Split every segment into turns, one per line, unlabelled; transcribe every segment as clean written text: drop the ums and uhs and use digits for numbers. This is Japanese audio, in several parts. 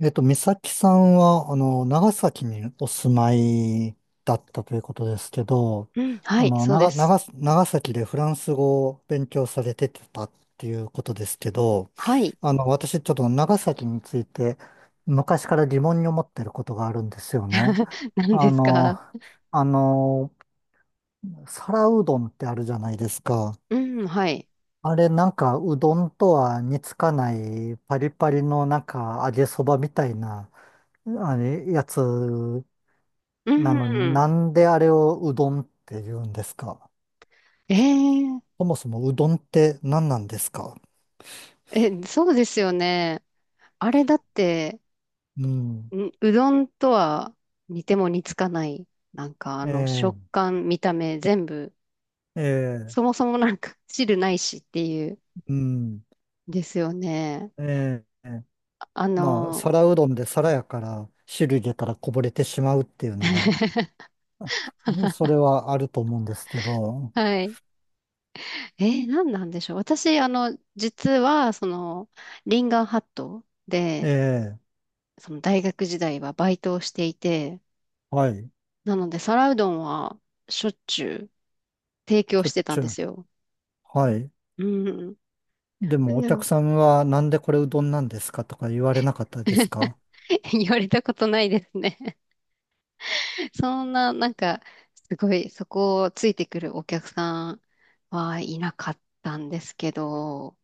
美咲さんは、長崎にお住まいだったということですけど、
うん、はい、そうです。
長崎でフランス語を勉強されてたっていうことですけど、
はい。
私ちょっと長崎について昔から疑問に思ってることがあるんですよね。
何で
あ
す
の、
か？
あの、皿うどんってあるじゃないですか。
うん、はい。
あれなんかうどんとは似つかないパリパリのなんか揚げそばみたいなあの、やつ
う
な
ん。
のになんであれをうどんって言うんですか？
えー、
そもそもうどんって何なんですか？
え、そうですよね。あれだって、
うん。
んうどんとは似ても似つかない。なんかあの食
ええ
感、見た目、全部、
え
そも
え
そもなんか 汁ないしっていう、
うん。
ですよね。
ええ
あ
まあ、
の
皿うどんで皿やから汁入れたらこぼれてしまうっていうのが、うんそれはあると思うんですけど、
はい。何なんでしょう。私、あの、実は、その、リンガーハットで、
ええ
その大学時代はバイトをしていて、
はい。
なので皿うどんはしょっちゅう提供
しょ
し
っ
てた
ち
ん
ゅ
で
う。
すよ。
はい。
うん。
でもお
う
客
ん。
さんはなんでこれうどんなんですかとか言われなかったですか？
言われたことないですね。そんな、なんか、すごい、そこをついてくるお客さんはいなかったんですけど、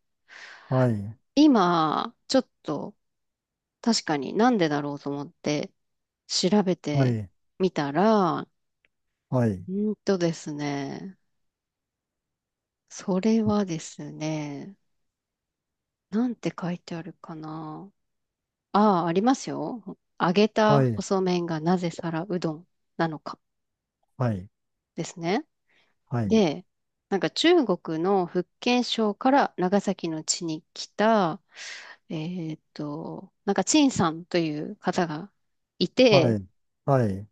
はい。
今、ちょっと確かになんでだろうと思って調べ
は
て
い。
みたら、
はい。
うんとですね、それはですね、なんて書いてあるかな。ああ、ありますよ。揚げ
は
た
い。
細麺がなぜ皿うどんなのか
はい、
ですね。
はい、
で、なんか中国の福建省から長崎の地に来た、えなんか陳さんという方がい
は
て、
い、はい。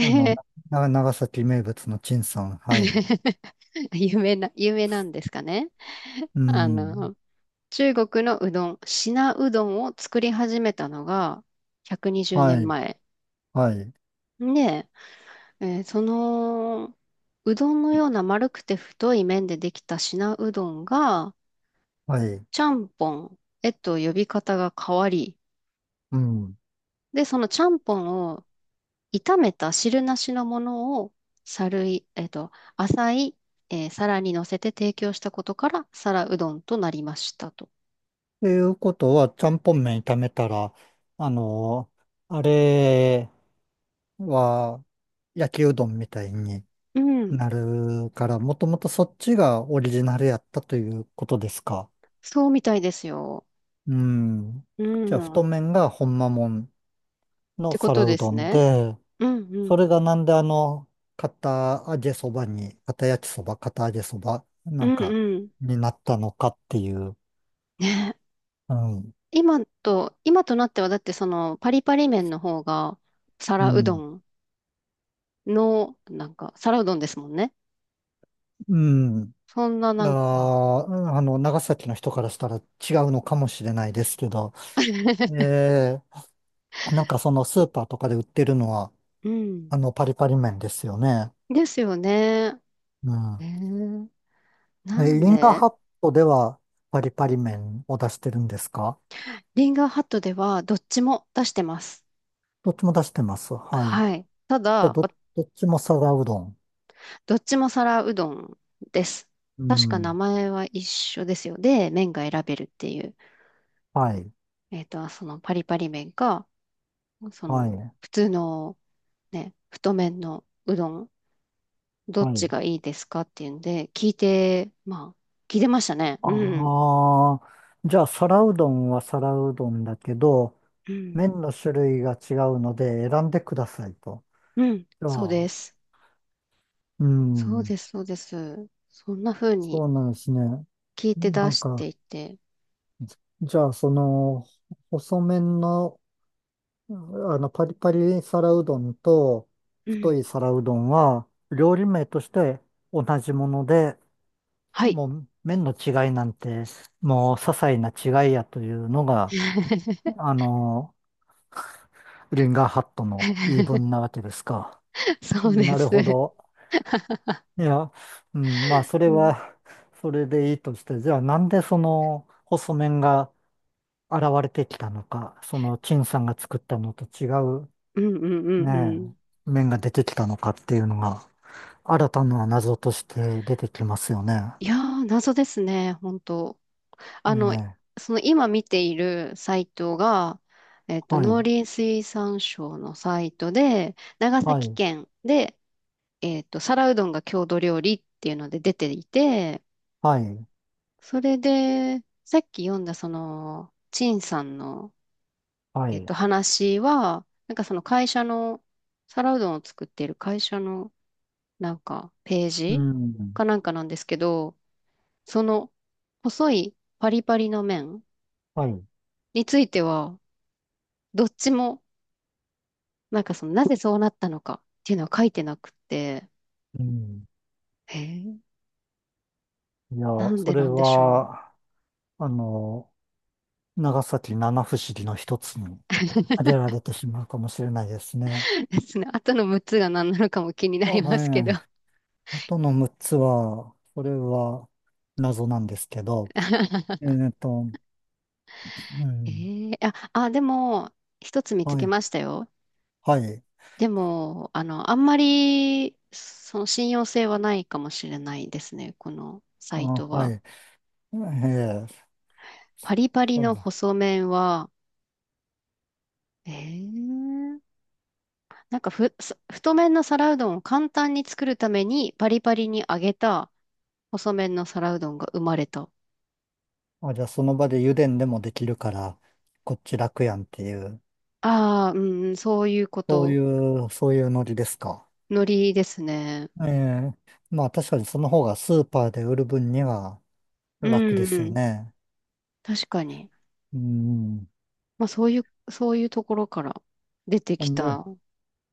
あの、な、長崎名物の陳さん、はい。
有名な、有名なんですかね。
う
あ
ん、
の、中国のうどん、品うどんを作り始めたのが120年
はい、
前。
はい、
ねんまえでその、うどんのような丸くて太い麺でできた品うどんが、
はい、
ちゃんぽんへと呼び方が変わり、
うん。
で、そのちゃんぽんを炒めた汁なしのものを、さるい、えっと、浅い、えー皿に乗せて提供したことから、皿うどんとなりましたと。
ということは、ちゃんぽん麺炒めたら、あの、あれは焼きうどんみたいに
うん、
なるから、もともとそっちがオリジナルやったということですか？
そうみたいですよ。
うん。
う
じ
ん、
ゃあ、太
っ
麺がほんまもんの
てこと
皿う
で
ど
す
ん
ね。
で、
うん、う
それ
ん、
がなんで片揚げそばに、片焼きそば、片揚げそば、
う
なん
ん、う
か、
ん、うん。
になったのかっていう、
ね、
うん、
今と、今となってはだってそのパリパリ麺の方が
う
皿うど
ん、
んの、なんか皿うどんですもんね。
うん。
そんな
い
な
やー
んか、
長崎の人からしたら違うのかもしれないですけど、えー、なんかそのスーパーとかで売ってるのは、
うん。
パリパリ麺ですよね。
ですよね。
う
え
ん。
ー、な
え、
ん
リンガー
で、
ハットではパリパリ麺を出してるんですか？
リンガーハットではどっちも出してます。
どっちも出してます。はい。い
はい。た
や、
だ、わ、
ど、どっちも皿うどん。
どっちも皿うどんです。
う
確か名
ん。
前は一緒ですよ。で、麺が選べるっていう。
はい、
そのパリパリ麺か、そ
は
の
い、
普通のね、太麺のうどん。どっ
は
ち
い。
がいいですかっていうんで、聞いて、まあ、聞いてましたね。うん。
ああ、じゃあ、皿うどんは皿うどんだけど、
うん。
麺の種類が違うので選んでくださいと。
うん。
じゃ
そうで
あ、
す。
う
そう
ん、
です、そうです。そんな風に
そうなんですね。
聞いて
な
出
ん
して
か、
いて。
じじゃあ、その、細麺の、あパリパリ皿うどんと、
う
太
ん。
い皿うどんは、料理名として同じもので、
はい。
もう、麺の違いなんて、もう、些細な違いやというのが、あの、リンガーハットの言い 分なわけですか？
そうで
なるほ
す。
ど。いや、うん、まあ、それ
うん。
は、それでいいとして、じゃあなんでその細麺が現れてきたのか、その陳さんが作ったのと違う
うんうんうんう
ね
ん。
え、麺が出てきたのかっていうのが、新たな謎として出てきますよね。
いやー、謎ですね、本当。
え
あの、
え、
その今見ているサイトが、
は
農
い、
林水産省のサイトで、長
は
崎
い、
県で、皿うどんが郷土料理っていうので出ていて、
はい、
それで、さっき読んだその、陳さんの、
はい、
話は、なんかその会社の、皿うどんを作っている会社の、なんか、ペー
う
ジ
ん、
かなんかなんですけど、その、細いパリパリの麺
はい、
については、どっちも、なんかその、なぜそうなったのかっていうのは書いてなくって、
うん。
へえ、
いや、
なん
そ
で
れ
なんでしょう。
は、あの、長崎七不思議の一つに 挙げられてしまうかもしれないですね。
ですね。後の6つが何なのかも気にな
ま
ります
あ
けど。
ね、あとの6つは、これは謎なんですけど、え っと、うん、
でも、一つ見つ
は
け
い、
ましたよ。
はい、
でも、あの、あんまり、その信用性はないかもしれないですね。このサ
あ、
イト
は
は。
い、ええ
パリパリ
そう
の
です。
細麺は、えー、なんかふ、そ、太麺の皿うどんを簡単に作るために、パリパリに揚げた細麺の皿うどんが生まれた。
あ、じゃあその場で油田でもできるから、こっち楽やんっていう、
ああ、うん、そういうこ
そうい
と。
う、そういうノリですか？
海苔ですね。
ええまあ確かにその方がスーパーで売る分には
う
楽ですよ
ん、
ね。
確かに。
うん。
まあそういう、そういうところから出て
ほ
き
んで
た。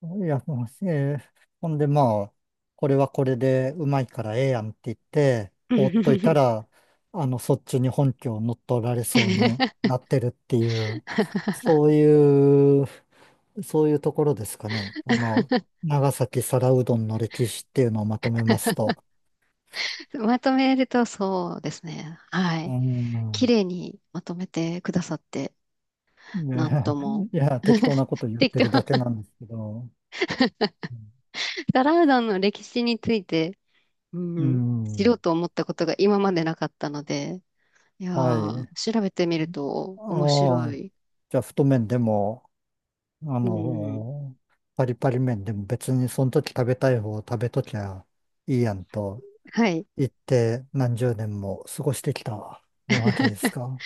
いや、もうえーほんで、まあ、これはこれでうまいからええやんって言って、放っといた ら、そっちに本拠を乗っ取られそうになってるっていう、そういう、そういうところですかね。長崎皿うどんの歴史っていうのをまとめますと。
まとめるとそうですね。は
う
い。綺
ん。
麗にまとめてくださって、な
ね、
んとも。
いや、適当なこ と言っ
適
て
当。
るだけな んですけど。
皿うどんの歴史について、う
う
ん、知ろう
ん。
と思ったことが今までなかったので、いや
は
ー、
い。
調べてみると面
あ
白
あ、
い。
じゃあ、太麺でも、あ
うん。
の、パリパリ麺でも別にその時食べたい方を食べときゃいいやんと
はい。
言って何十年も過ごしてきたわけですか？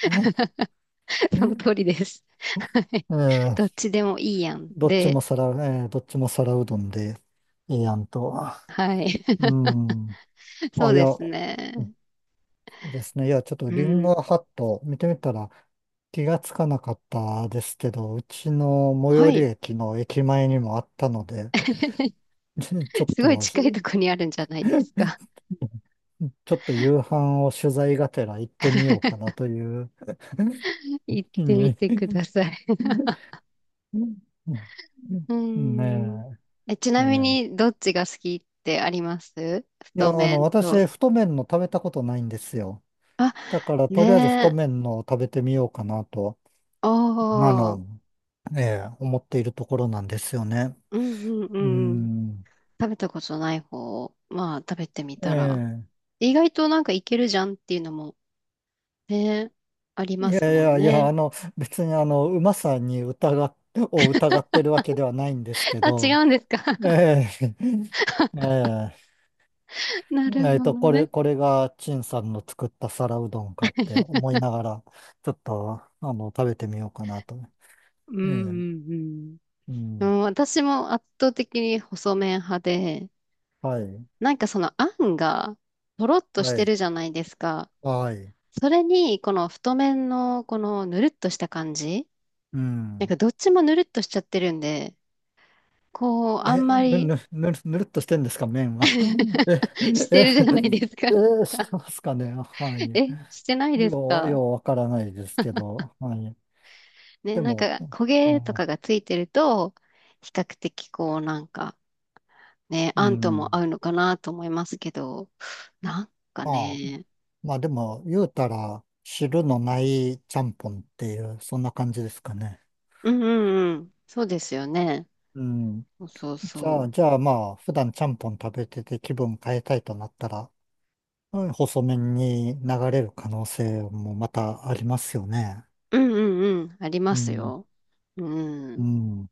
その
え
通りです。
え
どっ
ー
ちでもいいやん。
どっち
で、
も皿、えーどっちも皿うどんでいいやんと。
はい。
う ん。
そ
あ、
う
い
で
や、
すね。
ですね。いや、ちょっと
う
リンゴ
ん。
ハット見てみたら気がつかなかったですけど、うちの最
は
寄り
い。
駅の駅前にもあったので、ちちょっ
すごい
と
近いとこにあるんじゃないですか？
ちょっと夕飯を取材がてら行ってみようかなという
行っ
気
てみ
に
てください。う
うん
ーん。
ね
え、ち
え。え
なみ
え
に、どっちが好きってあります、
いや、
太麺と？
私、太麺の食べたことないんですよ。
あ、
だから、
ね
とりあえず太
え。
麺のを食べてみようかなと、あ
おー。
の、ええ、思っているところなんですよね。
うんう
う
んうん。
ん。
食べたことない方を、まあ、食べてみ
え
たら。
え。
意外となんかいけるじゃんっていうのも、ね、あり
い
ま
や
す
い
もん
やいや、
ね。
別にうまさに疑っ、を疑ってるわけではないんです け
あ、違
ど、
うんです
え
か？
え。ええ。
なるほど
これ、
ね。
これが陳さんの作った皿うどんかって思いながら、ちょっと、食べてみようかなと。
うんう
ええ、
ん
う
うん。
ん。
うん、私も圧倒的に細麺派で、
はい。
なんかそのあんがとろっとし
は
て
い。
るじゃないですか。
はい。
それにこの太麺のこのぬるっとした感じ、
う
なん
ん。
かどっちもぬるっとしちゃってるんで、こうあ
え、
んまり。
ぬるっとしてんですか、麺は。え、
してるじゃないですか。
え、え、して ますかね。はい。
え、してないですか
ようわからないですけど、はい。
ね、
で
なん
も、
か
うん。
焦げとかがついてると、比較的こうなんかね、
う
あんとも
ん
合うのかなと思いますけど、なんか
まあ、
ね、
まあでも、言うたら、汁のないちゃんぽんっていう、そんな感じですかね。
うんうんうん。そうですよね。
うん。
そうそう
じ
そ
ゃあ、
う。
じゃあまあ、普段ちゃんぽん食べてて気分変えたいとなったら、うん細麺に流れる可能性もまたありますよね。
うんうんうん。ありま
う
す
ん。
よ。う
う
ん。
ん。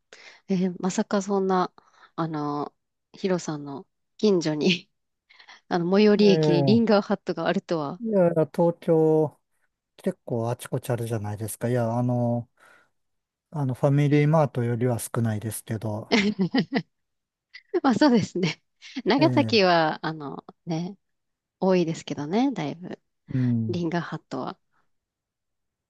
まさかそんな、あの、ヒロさんの近所に、あの、最寄り駅にリン
ええ
ガーハットがあるとは。
いや、東京、結構あちこちあるじゃないですか。いや、ファミリーマートよりは少ないですけど、
まあそうですね。長
え
崎
え
は、あの、ね、多いですけどね、だいぶ。
うん。
リンガーハットは。